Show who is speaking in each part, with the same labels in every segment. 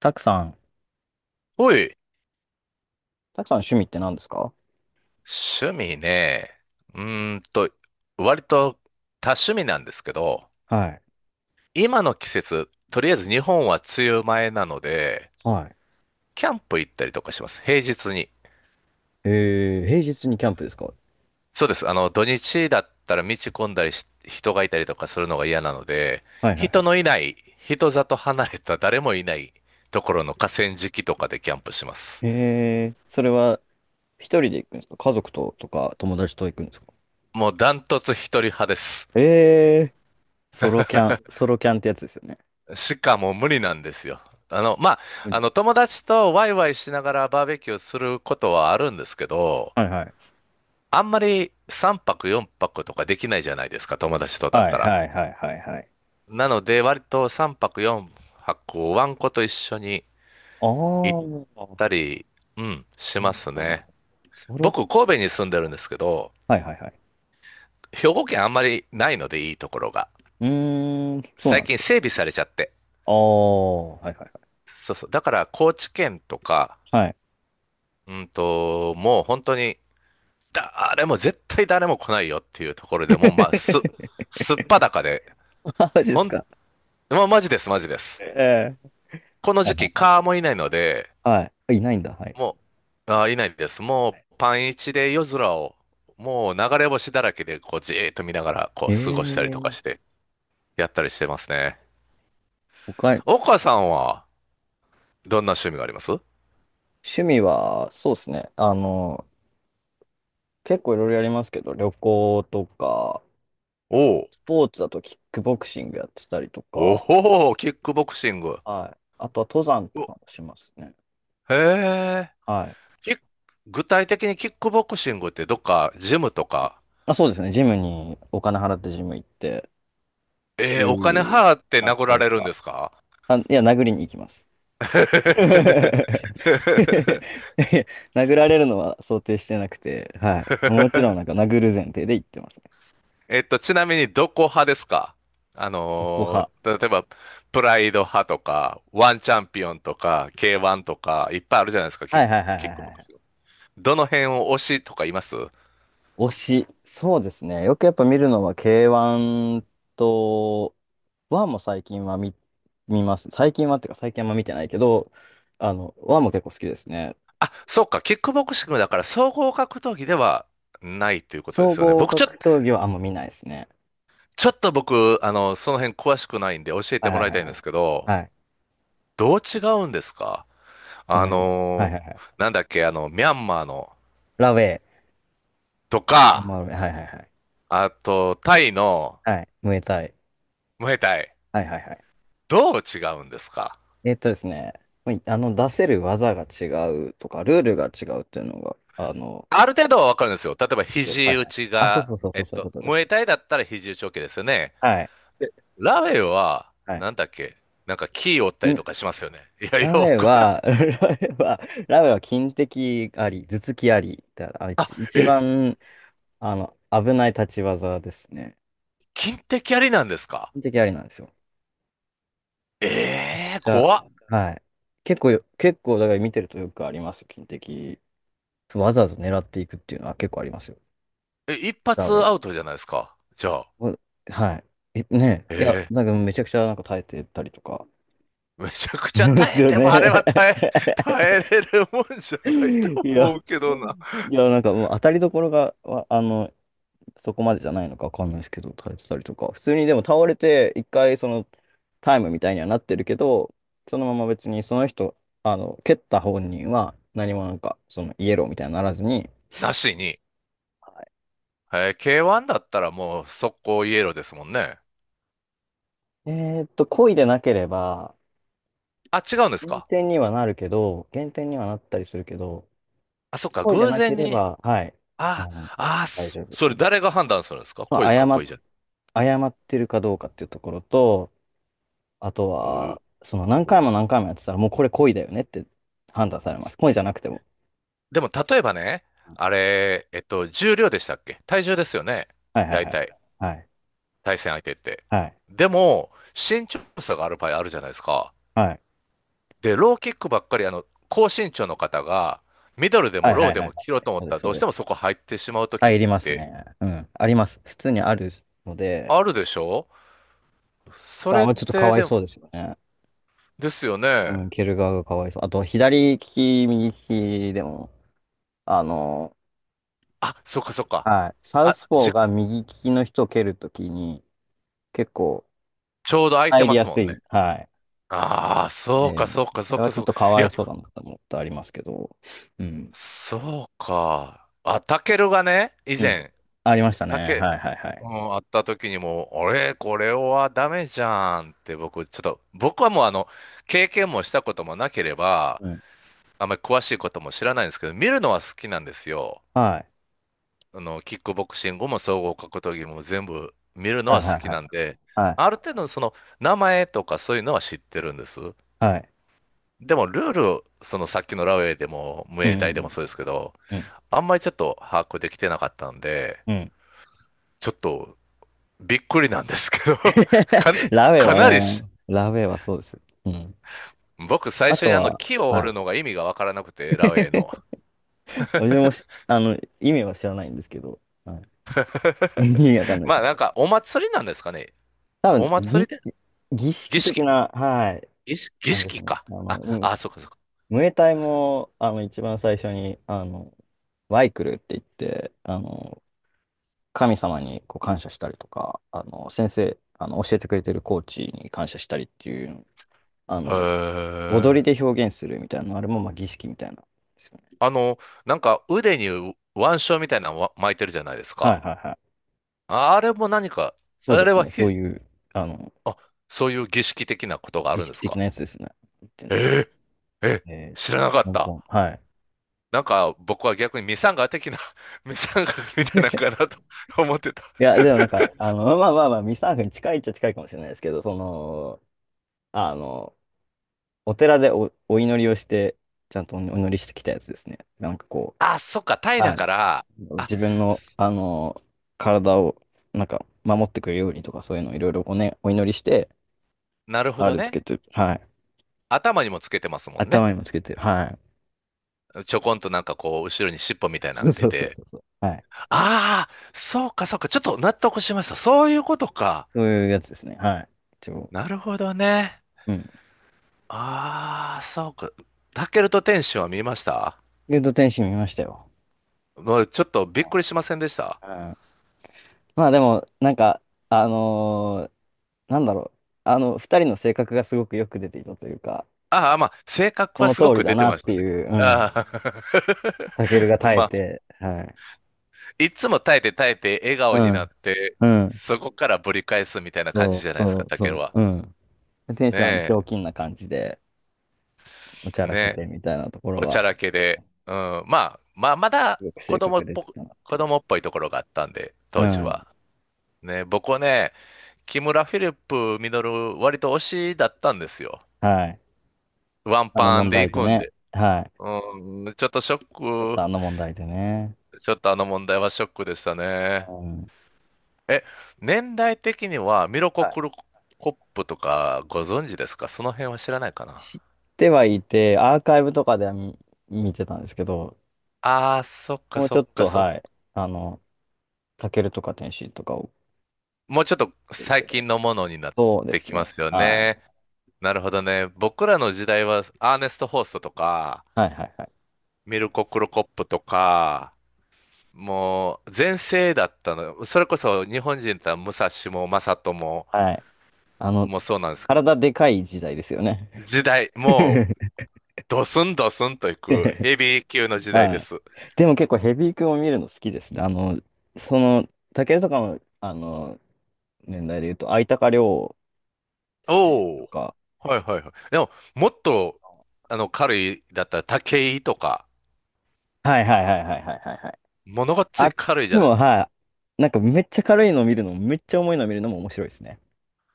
Speaker 1: たくさん。
Speaker 2: おい、
Speaker 1: たくさん趣味って何ですか？
Speaker 2: 趣味ね。うーんと、割と多趣味なんですけど、
Speaker 1: はい。
Speaker 2: 今の季節、とりあえず日本は梅雨前なので、
Speaker 1: は
Speaker 2: キャンプ行ったりとかします。平日に。
Speaker 1: い。平日にキャンプですか？
Speaker 2: そうです。土日だったら道混んだりし、人がいたりとかするのが嫌なので、
Speaker 1: はいはい
Speaker 2: 人
Speaker 1: は
Speaker 2: のいない、人里離れた誰もいないところの河川敷とかでキャンプします。
Speaker 1: い。それは一人で行くんですか？家族ととか友達と行くんですか？
Speaker 2: もうダントツ一人派です。
Speaker 1: えー、ソロキャン、ソロキャンってやつですよね。
Speaker 2: しかもう無理なんですよ。あの、まあ、
Speaker 1: 無理。
Speaker 2: 友達とワイワイしながらバーベキューすることはあるんですけど、
Speaker 1: はいはい。
Speaker 2: あんまり3泊4泊とかできないじゃないですか、友達とだっ
Speaker 1: はい
Speaker 2: たら。
Speaker 1: はいはいはいはい。
Speaker 2: なので、割と3泊4泊をワンコと一緒に
Speaker 1: あ
Speaker 2: 行っ
Speaker 1: ー、な
Speaker 2: たり、うん、し
Speaker 1: る
Speaker 2: ま
Speaker 1: ほ
Speaker 2: す
Speaker 1: ど、なるほ
Speaker 2: ね。
Speaker 1: ど。ソロ、
Speaker 2: 僕、神戸に住んでるんですけど、
Speaker 1: はいはいはい。
Speaker 2: 兵庫県あんまりないのでいいところが。
Speaker 1: うーん、そうな
Speaker 2: 最
Speaker 1: んです
Speaker 2: 近
Speaker 1: か。
Speaker 2: 整備されちゃって。
Speaker 1: あー、はいはい
Speaker 2: そうそう。だから、高知県とか、
Speaker 1: はい。はい。
Speaker 2: もう本当に、誰も、絶対誰も来ないよっていうところでもう、すっぱだ かで、
Speaker 1: マジで
Speaker 2: ほ
Speaker 1: す
Speaker 2: ん、
Speaker 1: か。は
Speaker 2: まあ、マジです、マジで
Speaker 1: い。
Speaker 2: す。
Speaker 1: え
Speaker 2: この
Speaker 1: はい
Speaker 2: 時期、
Speaker 1: はい。
Speaker 2: 蚊もいないので、
Speaker 1: はい。いないんだ。はい。
Speaker 2: もう、あー、いないです。もう、パン一で夜空を、もう流れ星だらけで、こう、じーっと見ながら、こ
Speaker 1: ええ
Speaker 2: う、過ごしたりとか
Speaker 1: ー、
Speaker 2: して、やったりしてますね。
Speaker 1: 他に、
Speaker 2: 岡さんは、どんな趣味があります？
Speaker 1: 趣味は、そうですね。結構いろいろやりますけど、旅行とか、
Speaker 2: おう、
Speaker 1: スポーツだとキックボクシングやってたりとか、
Speaker 2: おおー、キックボクシング。
Speaker 1: はい。あとは登山と
Speaker 2: お、
Speaker 1: かもしますね。
Speaker 2: へえ。
Speaker 1: はい。
Speaker 2: キック具体的にキックボクシングってどっかジムとか？
Speaker 1: あ、そうですね。ジムにお金払ってジム行って、
Speaker 2: えー、お金
Speaker 1: 週
Speaker 2: 払って
Speaker 1: 何
Speaker 2: 殴ら
Speaker 1: 回
Speaker 2: れるんで
Speaker 1: か。
Speaker 2: すか？
Speaker 1: あ、いや、殴りに行きます。殴られるのは想定してなくて、はい。もちろんなんか殴る前提で行ってますね。
Speaker 2: ちなみにどこ派ですか？
Speaker 1: どこ派。
Speaker 2: 例えば、プライド派とか、ワンチャンピオンとか、K1 とか、いっぱいあるじゃないですか、
Speaker 1: はいはいはい
Speaker 2: キ
Speaker 1: はい
Speaker 2: ック
Speaker 1: は
Speaker 2: ボク
Speaker 1: い。
Speaker 2: シング。どの辺を推しとかいます？
Speaker 1: 推し、そうですね。よくやっぱ見るのは K1 と、ワンも最近は見ます。最近はっていうか最近はあんま見てないけど、ワンも結構好きですね。
Speaker 2: あ、そうか、キックボクシングだから総合格闘技ではないということで
Speaker 1: 総
Speaker 2: すよね。
Speaker 1: 合
Speaker 2: 僕、ちょ、
Speaker 1: 格闘技はあんま見ないですね。
Speaker 2: ちょっと僕、その辺詳しくないんで教えて
Speaker 1: はい
Speaker 2: も
Speaker 1: はい
Speaker 2: らい
Speaker 1: はい
Speaker 2: たいん
Speaker 1: は
Speaker 2: です
Speaker 1: い。
Speaker 2: けど、
Speaker 1: はい。えっ
Speaker 2: どう違うんですか？
Speaker 1: と
Speaker 2: あ
Speaker 1: ね、はい
Speaker 2: の
Speaker 1: はいはい。
Speaker 2: ーなんだっけ、ミャンマーの、
Speaker 1: ラウェイ、
Speaker 2: と
Speaker 1: m
Speaker 2: か、
Speaker 1: r はいはいはい。
Speaker 2: あと、タイの
Speaker 1: はい、ムエタイ。
Speaker 2: ムエタイ、
Speaker 1: はいはいはい。
Speaker 2: どう違うんですか？
Speaker 1: えっとですね、まあ出せる技が違うとか、ルールが違うっていうのが、あの、
Speaker 2: ある程度はわかるんですよ。例えば、
Speaker 1: は
Speaker 2: 肘
Speaker 1: い
Speaker 2: 打
Speaker 1: はい。
Speaker 2: ち
Speaker 1: あ、そう
Speaker 2: が、
Speaker 1: そうそうそう、そういうことで
Speaker 2: ムエ
Speaker 1: す。
Speaker 2: タイだったら肘打ち OK ですよね。
Speaker 1: はい。
Speaker 2: でラウェイは、
Speaker 1: はい。
Speaker 2: なんだっけ、なんか、キー折ったりとかしますよね。いやいや、
Speaker 1: ラ
Speaker 2: こ
Speaker 1: メ
Speaker 2: れ、
Speaker 1: は、ラメは、ラメは金的あり、頭突きありってあ一
Speaker 2: あ、
Speaker 1: 一
Speaker 2: え、
Speaker 1: 番、危ない立ち技ですね。
Speaker 2: 金的ありなんですか？
Speaker 1: 金的ありなんですよ。
Speaker 2: ええー、
Speaker 1: じゃあ、
Speaker 2: 怖っ。
Speaker 1: はい。結構、だから見てるとよくありますよ、金的。わざわざ狙っていくっていうのは結構ありますよ。
Speaker 2: え、一
Speaker 1: ラ
Speaker 2: 発
Speaker 1: メ。
Speaker 2: アウトじゃないですか。じゃあ、
Speaker 1: お、はい。え、ねえ、いや、
Speaker 2: え、
Speaker 1: なんかめちゃくちゃなんか耐えてたりとか、
Speaker 2: えめちゃくち
Speaker 1: い
Speaker 2: ゃ
Speaker 1: ま
Speaker 2: 耐
Speaker 1: す
Speaker 2: え
Speaker 1: よ
Speaker 2: ても、あれは
Speaker 1: ね。
Speaker 2: 耐え、耐えれるもんじゃないと
Speaker 1: い
Speaker 2: 思
Speaker 1: や、
Speaker 2: うけどな。
Speaker 1: いや、なんかもう当たりどころが、わ、そこまでじゃないのかわかんないですけど、耐えてたりとか。普通にでも倒れて、一回そのタイムみたいにはなってるけど、そのまま別にその人、蹴った本人は何もなんか、そのイエローみたいにならずに、
Speaker 2: なしに。
Speaker 1: は
Speaker 2: えー K1 だったらもう速攻イエローですもんね。
Speaker 1: い、えーっと、故意でなければ、
Speaker 2: あ、違うんです
Speaker 1: 減
Speaker 2: か？
Speaker 1: 点にはなるけど、減点にはなったりするけど、
Speaker 2: あ、そっか、
Speaker 1: 故意で
Speaker 2: 偶
Speaker 1: なけ
Speaker 2: 然
Speaker 1: れ
Speaker 2: に。
Speaker 1: ば、はい、あ
Speaker 2: あ、
Speaker 1: の、大丈夫で
Speaker 2: そ
Speaker 1: す
Speaker 2: れ
Speaker 1: ね。
Speaker 2: 誰が判断するんですか？
Speaker 1: そう、
Speaker 2: 恋か恋じゃ。
Speaker 1: 謝ってるかどうかっていうところと、あと
Speaker 2: う、
Speaker 1: は、その何回も
Speaker 2: お、
Speaker 1: 何回もやってたら、もうこれ恋だよねって判断されます。恋じゃなくても。
Speaker 2: でも、例えばね、あれ、えっと、重量でしたっけ？体重ですよね。
Speaker 1: はいはい
Speaker 2: 大
Speaker 1: はい。
Speaker 2: 体、
Speaker 1: はい。
Speaker 2: 対戦相手って。
Speaker 1: はい。
Speaker 2: でも、身長差がある場合あるじゃないですか。
Speaker 1: はい。
Speaker 2: で、ローキックばっかり、あの、高身長の方が、ミドルで
Speaker 1: は
Speaker 2: も
Speaker 1: い
Speaker 2: ロ
Speaker 1: は
Speaker 2: ー
Speaker 1: い
Speaker 2: で
Speaker 1: はい。
Speaker 2: も切ろうと思
Speaker 1: そ
Speaker 2: っ
Speaker 1: うで
Speaker 2: た
Speaker 1: す、
Speaker 2: ら、
Speaker 1: そ
Speaker 2: ど
Speaker 1: う
Speaker 2: うし
Speaker 1: で
Speaker 2: ても
Speaker 1: す。
Speaker 2: そこ入ってしまう時っ
Speaker 1: 入ります
Speaker 2: て
Speaker 1: ね。うん。あります。普通にあるので、
Speaker 2: あるでしょ？そ
Speaker 1: まあ、
Speaker 2: れっ
Speaker 1: まあちょっとか
Speaker 2: て、
Speaker 1: わい
Speaker 2: で、
Speaker 1: そうですよね。
Speaker 2: ですよ
Speaker 1: う
Speaker 2: ね。
Speaker 1: ん、蹴る側がかわいそう。あと、左利き、右利きでも、あの、
Speaker 2: あ、そっかそっか。
Speaker 1: はい。サウ
Speaker 2: あ、
Speaker 1: スポ
Speaker 2: じ、
Speaker 1: ーが右利きの人を蹴るときに、結構
Speaker 2: ちょうど空いて
Speaker 1: 入り
Speaker 2: ま
Speaker 1: や
Speaker 2: すも
Speaker 1: す
Speaker 2: んね。
Speaker 1: い。はい。
Speaker 2: ああ、そうか
Speaker 1: で、
Speaker 2: そうか
Speaker 1: そ
Speaker 2: そう
Speaker 1: れは
Speaker 2: か
Speaker 1: ちょ
Speaker 2: そ
Speaker 1: っ
Speaker 2: う
Speaker 1: と
Speaker 2: か。
Speaker 1: か
Speaker 2: い
Speaker 1: わい
Speaker 2: や、
Speaker 1: そうだなと思ってありますけど、うん。
Speaker 2: そうか。あ、タケルがね、以
Speaker 1: うん。
Speaker 2: 前、
Speaker 1: ありましたね。
Speaker 2: タケ、
Speaker 1: はいはいは
Speaker 2: う
Speaker 1: い。
Speaker 2: ん、あった時にも、俺、これはダメじゃんって僕、ちょっと、僕はもうあの、経験もしたこともなければ、
Speaker 1: うん。
Speaker 2: あんまり詳しいことも知らないんですけど、見るのは好きなんですよ。
Speaker 1: はい。
Speaker 2: あの、キックボクシングも総合格闘技も全部見るの
Speaker 1: はい
Speaker 2: は
Speaker 1: は
Speaker 2: 好
Speaker 1: い
Speaker 2: き
Speaker 1: は
Speaker 2: な
Speaker 1: い。
Speaker 2: んで、
Speaker 1: は
Speaker 2: ある
Speaker 1: い。
Speaker 2: 程度その名前とかそういうのは知ってるんです。
Speaker 1: はい。
Speaker 2: でもルール、そのさっきのラウェイでも、ム
Speaker 1: うん
Speaker 2: エ
Speaker 1: う
Speaker 2: タイでも
Speaker 1: ん
Speaker 2: そうですけど、
Speaker 1: うん。
Speaker 2: あんまりちょっと把握できてなかったんで、
Speaker 1: うん。うん。
Speaker 2: ちょっとびっくりなんですけど かな、
Speaker 1: ラベ
Speaker 2: か
Speaker 1: は
Speaker 2: なり
Speaker 1: ね、
Speaker 2: し、
Speaker 1: ラベはそうです。うん。
Speaker 2: 僕最
Speaker 1: あ
Speaker 2: 初
Speaker 1: と
Speaker 2: にあの
Speaker 1: は、
Speaker 2: 木を
Speaker 1: は
Speaker 2: 折る
Speaker 1: い。
Speaker 2: のが意味がわからなくて、ラウェイの。
Speaker 1: 私もし、意味は知らないんですけど、はい。意味わかん ないで
Speaker 2: ま
Speaker 1: す
Speaker 2: あ
Speaker 1: ね。
Speaker 2: なんかお祭りなんですかね。
Speaker 1: 多分、
Speaker 2: お祭り
Speaker 1: 儀、
Speaker 2: で
Speaker 1: 儀
Speaker 2: 儀
Speaker 1: 式的
Speaker 2: 式、
Speaker 1: な、はい、
Speaker 2: 儀
Speaker 1: 感じです
Speaker 2: 式
Speaker 1: ね。
Speaker 2: か。
Speaker 1: あの、
Speaker 2: あ、
Speaker 1: うん、
Speaker 2: あ、そうかそうか。
Speaker 1: ムエタイも、一番最初に、ワイクルって言って、神様にこう感謝したりとか、先生、教えてくれてるコーチに感謝したりっていう、あ
Speaker 2: へ
Speaker 1: の、踊
Speaker 2: え。
Speaker 1: りで表現するみたいな、あれもまあ儀式みたいなんですよね。
Speaker 2: あの、なんか腕に腕章みたいなのわ巻いてるじゃないです
Speaker 1: はい
Speaker 2: か。
Speaker 1: はいはい。
Speaker 2: ああれも何か、
Speaker 1: そう
Speaker 2: あ
Speaker 1: で
Speaker 2: れ
Speaker 1: す
Speaker 2: は
Speaker 1: ね。そ
Speaker 2: ひ、
Speaker 1: ういう、あの、
Speaker 2: あ、そういう儀式的なことがあ
Speaker 1: 儀
Speaker 2: るん
Speaker 1: 式
Speaker 2: です
Speaker 1: 的
Speaker 2: か？
Speaker 1: なやつですね。言ってんだ、
Speaker 2: えええ、
Speaker 1: えっ
Speaker 2: 知
Speaker 1: と、
Speaker 2: らなかっ
Speaker 1: 香
Speaker 2: た。
Speaker 1: 港。はい。
Speaker 2: なんか僕は逆にミサンガ的な、ミサンガみたいなのかなと 思ってた。
Speaker 1: いや、でもなんか、まあまあまあ、ミサーフに近いっちゃ近いかもしれないですけど、その、あの、お寺でお、お祈りをして、ちゃんとお祈りしてきたやつですね。なんかこ、
Speaker 2: あ、そっか、タイだ
Speaker 1: はい。
Speaker 2: から、
Speaker 1: う、
Speaker 2: あ、
Speaker 1: 自分の、体を、なんか、守ってくれるようにとか、そういうのをいろいろおね、お祈りして、
Speaker 2: なるほ
Speaker 1: あ
Speaker 2: ど
Speaker 1: れつ
Speaker 2: ね。
Speaker 1: けて、はい。
Speaker 2: 頭にもつけてますもんね。
Speaker 1: 頭にもつけて、はい。
Speaker 2: ちょこんとなんかこう、後ろに尻尾みたいな
Speaker 1: そ
Speaker 2: の
Speaker 1: う
Speaker 2: が出
Speaker 1: そうそう
Speaker 2: て、
Speaker 1: そうそう。はい。
Speaker 2: ああ、そうか、そうか。ちょっと納得しました。そういうことか。
Speaker 1: そういうやつですね。はい。一応、
Speaker 2: なるほどね。
Speaker 1: うん。
Speaker 2: ああ、そうか。タケルと天使は見ました？
Speaker 1: ルート天使見ましたよ。
Speaker 2: もうちょっとびっくりしませんでした？
Speaker 1: うん。まあでも、なんか、あのーなんだろう。二人の性格がすごくよく出ていたというか、
Speaker 2: ああ、まあ、性
Speaker 1: そ
Speaker 2: 格は
Speaker 1: の
Speaker 2: すご
Speaker 1: 通り
Speaker 2: く
Speaker 1: だ
Speaker 2: 出て
Speaker 1: なっ
Speaker 2: まし
Speaker 1: て
Speaker 2: たね。
Speaker 1: いう、うん。
Speaker 2: あ
Speaker 1: タケルが
Speaker 2: あ、
Speaker 1: 耐え
Speaker 2: まあ、
Speaker 1: て、はい。
Speaker 2: いつも耐えて耐えて笑
Speaker 1: う
Speaker 2: 顔にな
Speaker 1: ん、
Speaker 2: って、
Speaker 1: うん、
Speaker 2: そこからぶり返すみたいな感じ
Speaker 1: そ
Speaker 2: じゃ
Speaker 1: う、
Speaker 2: ないです
Speaker 1: そ
Speaker 2: か、
Speaker 1: う、
Speaker 2: タケル
Speaker 1: そ
Speaker 2: は。
Speaker 1: う、うん。天使はあのひ
Speaker 2: ね
Speaker 1: ょうきんな感じで、おちゃ
Speaker 2: え、
Speaker 1: ら
Speaker 2: ね
Speaker 1: け
Speaker 2: え、
Speaker 1: てみたいなところ
Speaker 2: おち
Speaker 1: は、
Speaker 2: ゃらけで。うん、まあ、まあ、ま
Speaker 1: す
Speaker 2: だ
Speaker 1: ごく
Speaker 2: 子
Speaker 1: 性
Speaker 2: 供
Speaker 1: 格
Speaker 2: っ
Speaker 1: 出
Speaker 2: ぽ
Speaker 1: て
Speaker 2: く、
Speaker 1: たなって
Speaker 2: 子
Speaker 1: いう。
Speaker 2: 供っぽいところがあったんで、
Speaker 1: う
Speaker 2: 当時
Speaker 1: ん。
Speaker 2: は。ね、僕はね、木村フィリップミドル割と推しだったんですよ。
Speaker 1: はい。
Speaker 2: ワン
Speaker 1: あの
Speaker 2: パン
Speaker 1: 問
Speaker 2: で
Speaker 1: 題
Speaker 2: 行
Speaker 1: で
Speaker 2: くん
Speaker 1: ね。
Speaker 2: で。
Speaker 1: はい。
Speaker 2: うん、ちょっとショ
Speaker 1: ちょっ
Speaker 2: ック、
Speaker 1: とあの問題でね。
Speaker 2: ちょっとあの問題はショックでしたね。
Speaker 1: うん。
Speaker 2: え、年代的にはミロコ・
Speaker 1: はい、
Speaker 2: クルコップとかご存知ですか？その辺は知らないかな。
Speaker 1: 知ってはいて、アーカイブとかでは見てたんですけど、
Speaker 2: ああー、そっか
Speaker 1: もう
Speaker 2: そ
Speaker 1: ちょ
Speaker 2: っ
Speaker 1: っ
Speaker 2: か
Speaker 1: と、
Speaker 2: そっか。
Speaker 1: はい。あの、タケルとか天使とかを
Speaker 2: もうちょっと
Speaker 1: 見てる世
Speaker 2: 最
Speaker 1: 代。
Speaker 2: 近のものになっ
Speaker 1: そうで
Speaker 2: て
Speaker 1: す
Speaker 2: きま
Speaker 1: ね。
Speaker 2: すよ
Speaker 1: は
Speaker 2: ね。
Speaker 1: い。
Speaker 2: なるほどね。僕らの時代はアーネスト・ホーストとか、
Speaker 1: はいはいはい。
Speaker 2: ミルコ・クルコップとか、もう全盛だったの。それこそ日本人だったら武蔵も正人も、
Speaker 1: はい。あの、
Speaker 2: もうそうなんですけど、
Speaker 1: 体でかい時代ですよね。
Speaker 2: 時代、もう ドスンドスンといくヘビー級の時代
Speaker 1: は
Speaker 2: で
Speaker 1: い。
Speaker 2: す。
Speaker 1: でも結構ヘビー級を見るの好きですね。あの、その、タケルとかの、あの、年代で言うと、相高亮選
Speaker 2: お
Speaker 1: 手と
Speaker 2: お。
Speaker 1: か、
Speaker 2: はいはいはい。でも、もっと、あの、軽いだったら武井とか、
Speaker 1: はいはいはいはいはいはいはい。
Speaker 2: ものが
Speaker 1: あ
Speaker 2: つい
Speaker 1: っ
Speaker 2: 軽い
Speaker 1: ち
Speaker 2: じゃない
Speaker 1: も、
Speaker 2: ですか。
Speaker 1: はい。なんかめっちゃ軽いの見るのも、めっちゃ重いの見るのも面白いですね。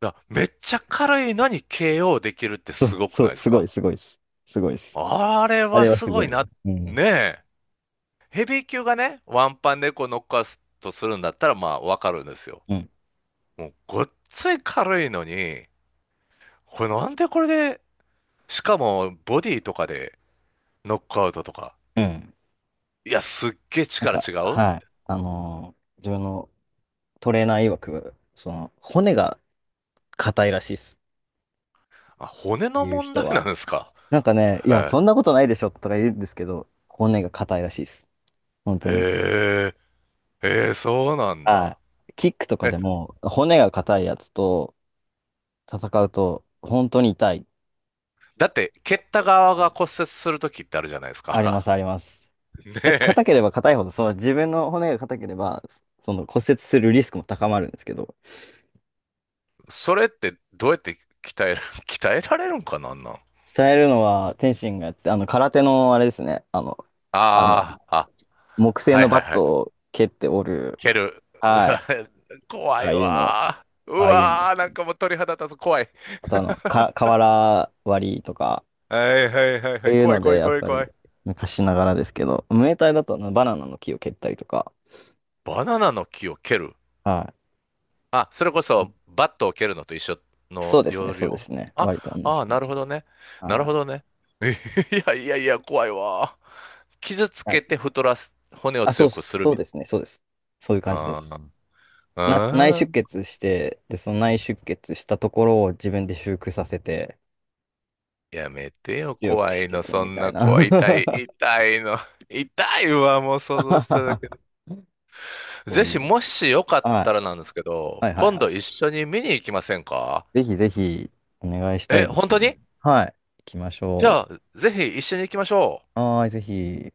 Speaker 2: だからめっちゃ軽いのに KO できるって
Speaker 1: そ
Speaker 2: す
Speaker 1: う、
Speaker 2: ごく
Speaker 1: そ
Speaker 2: な
Speaker 1: う、
Speaker 2: いです
Speaker 1: すご
Speaker 2: か？
Speaker 1: い、すごいです。すごいです。
Speaker 2: あれ
Speaker 1: あ
Speaker 2: は
Speaker 1: れは
Speaker 2: す
Speaker 1: す
Speaker 2: ご
Speaker 1: ご
Speaker 2: い
Speaker 1: い。
Speaker 2: な。
Speaker 1: うん、
Speaker 2: ねえ。ヘビー級がね、ワンパン猫乗っノックアウトするんだったら、まあ、わかるんですよ。
Speaker 1: うん、
Speaker 2: もうごっつい軽いのに、これなんでこれで、しかもボディとかでノックアウトとか。
Speaker 1: うん。
Speaker 2: いや、すっげえ
Speaker 1: なん
Speaker 2: 力
Speaker 1: か、
Speaker 2: 違うみ
Speaker 1: はい。
Speaker 2: たい
Speaker 1: 自分のトレーナー曰く、その、骨が硬いらしいっす。
Speaker 2: な。あ、骨
Speaker 1: ああ
Speaker 2: の
Speaker 1: いう
Speaker 2: 問
Speaker 1: 人
Speaker 2: 題なん
Speaker 1: は。
Speaker 2: ですか。
Speaker 1: なんかね、いや、
Speaker 2: は
Speaker 1: そんなことないでしょとか言うんですけど、骨が硬いらしいです。本
Speaker 2: い。
Speaker 1: 当
Speaker 2: へ
Speaker 1: に。
Speaker 2: え、えー、そうなん
Speaker 1: は
Speaker 2: だ。
Speaker 1: い。キックとか
Speaker 2: え、
Speaker 1: でも、骨が硬いやつと戦うと、本当に痛い。
Speaker 2: だって、蹴った側
Speaker 1: は
Speaker 2: が
Speaker 1: い、
Speaker 2: 骨折するときってあるじゃないです
Speaker 1: ありま
Speaker 2: か。
Speaker 1: す、あります。
Speaker 2: ね
Speaker 1: だ、
Speaker 2: え、
Speaker 1: 硬ければ硬いほど、その自分の骨が硬ければ、その骨折するリスクも高まるんですけど、
Speaker 2: それってどうやって鍛える、鍛えられるんかなんなん？
Speaker 1: 鍛えるのは天心がやって、空手のあれですね、あの、あの、
Speaker 2: ああー、あ、
Speaker 1: 木製
Speaker 2: はい
Speaker 1: の
Speaker 2: はい
Speaker 1: バッ
Speaker 2: は
Speaker 1: ト
Speaker 2: い。
Speaker 1: を蹴って折る、
Speaker 2: 蹴る。
Speaker 1: はい、
Speaker 2: 怖
Speaker 1: あ
Speaker 2: い
Speaker 1: あいうの、
Speaker 2: わー。う
Speaker 1: ああいうの。
Speaker 2: わー、なんかもう鳥肌立つ。怖い。
Speaker 1: あとあの、か、瓦割りとか、
Speaker 2: はいはいはい
Speaker 1: っ
Speaker 2: は
Speaker 1: て
Speaker 2: い。
Speaker 1: いう
Speaker 2: 怖い
Speaker 1: の
Speaker 2: 怖
Speaker 1: で、
Speaker 2: い
Speaker 1: やっ
Speaker 2: 怖い
Speaker 1: ぱ
Speaker 2: 怖
Speaker 1: り、
Speaker 2: い。
Speaker 1: 昔ながらですけど、ムエタイだとあのバナナの木を蹴ったりとか、
Speaker 2: バナナの木を蹴る。
Speaker 1: は
Speaker 2: あ、それこ
Speaker 1: い。
Speaker 2: そバットを蹴るのと一緒
Speaker 1: そ
Speaker 2: の
Speaker 1: うですね、
Speaker 2: 要
Speaker 1: そうで
Speaker 2: 領。
Speaker 1: すね。
Speaker 2: あ、
Speaker 1: 割と同じ
Speaker 2: ああ、
Speaker 1: 感
Speaker 2: なる
Speaker 1: じ
Speaker 2: ほ
Speaker 1: で。
Speaker 2: どね。なる
Speaker 1: は
Speaker 2: ほどね。いやいやいや、怖いわー。傷つ
Speaker 1: い。はい。
Speaker 2: けて太らす、骨を
Speaker 1: あ、そ
Speaker 2: 強
Speaker 1: う、
Speaker 2: くする
Speaker 1: そう
Speaker 2: みた
Speaker 1: ですね、そうです。そういう
Speaker 2: い
Speaker 1: 感じです。
Speaker 2: な。
Speaker 1: な、内
Speaker 2: あ
Speaker 1: 出
Speaker 2: ーあ
Speaker 1: 血して、で、その内出血したところを自分で修復させて、
Speaker 2: ー、やめてよ、
Speaker 1: 強く
Speaker 2: 怖
Speaker 1: し
Speaker 2: い
Speaker 1: てい
Speaker 2: の。
Speaker 1: く
Speaker 2: そ
Speaker 1: み
Speaker 2: ん
Speaker 1: たい
Speaker 2: な
Speaker 1: な。
Speaker 2: 怖い。痛い、痛いの。痛いわ、もう想像しただけ。
Speaker 1: そ
Speaker 2: ぜ
Speaker 1: うい
Speaker 2: ひ、
Speaker 1: う。
Speaker 2: も しよかっ
Speaker 1: は
Speaker 2: た
Speaker 1: い。
Speaker 2: らなんですけど、
Speaker 1: はいはい
Speaker 2: 今
Speaker 1: は
Speaker 2: 度一
Speaker 1: い。
Speaker 2: 緒に見に行きませんか？
Speaker 1: ぜひぜひお願いした
Speaker 2: え、
Speaker 1: いで
Speaker 2: 本
Speaker 1: す。
Speaker 2: 当に？
Speaker 1: はい。行きまし
Speaker 2: じゃ
Speaker 1: ょ
Speaker 2: あ、ぜひ一緒に行きましょう。
Speaker 1: う。はーい、ぜひ。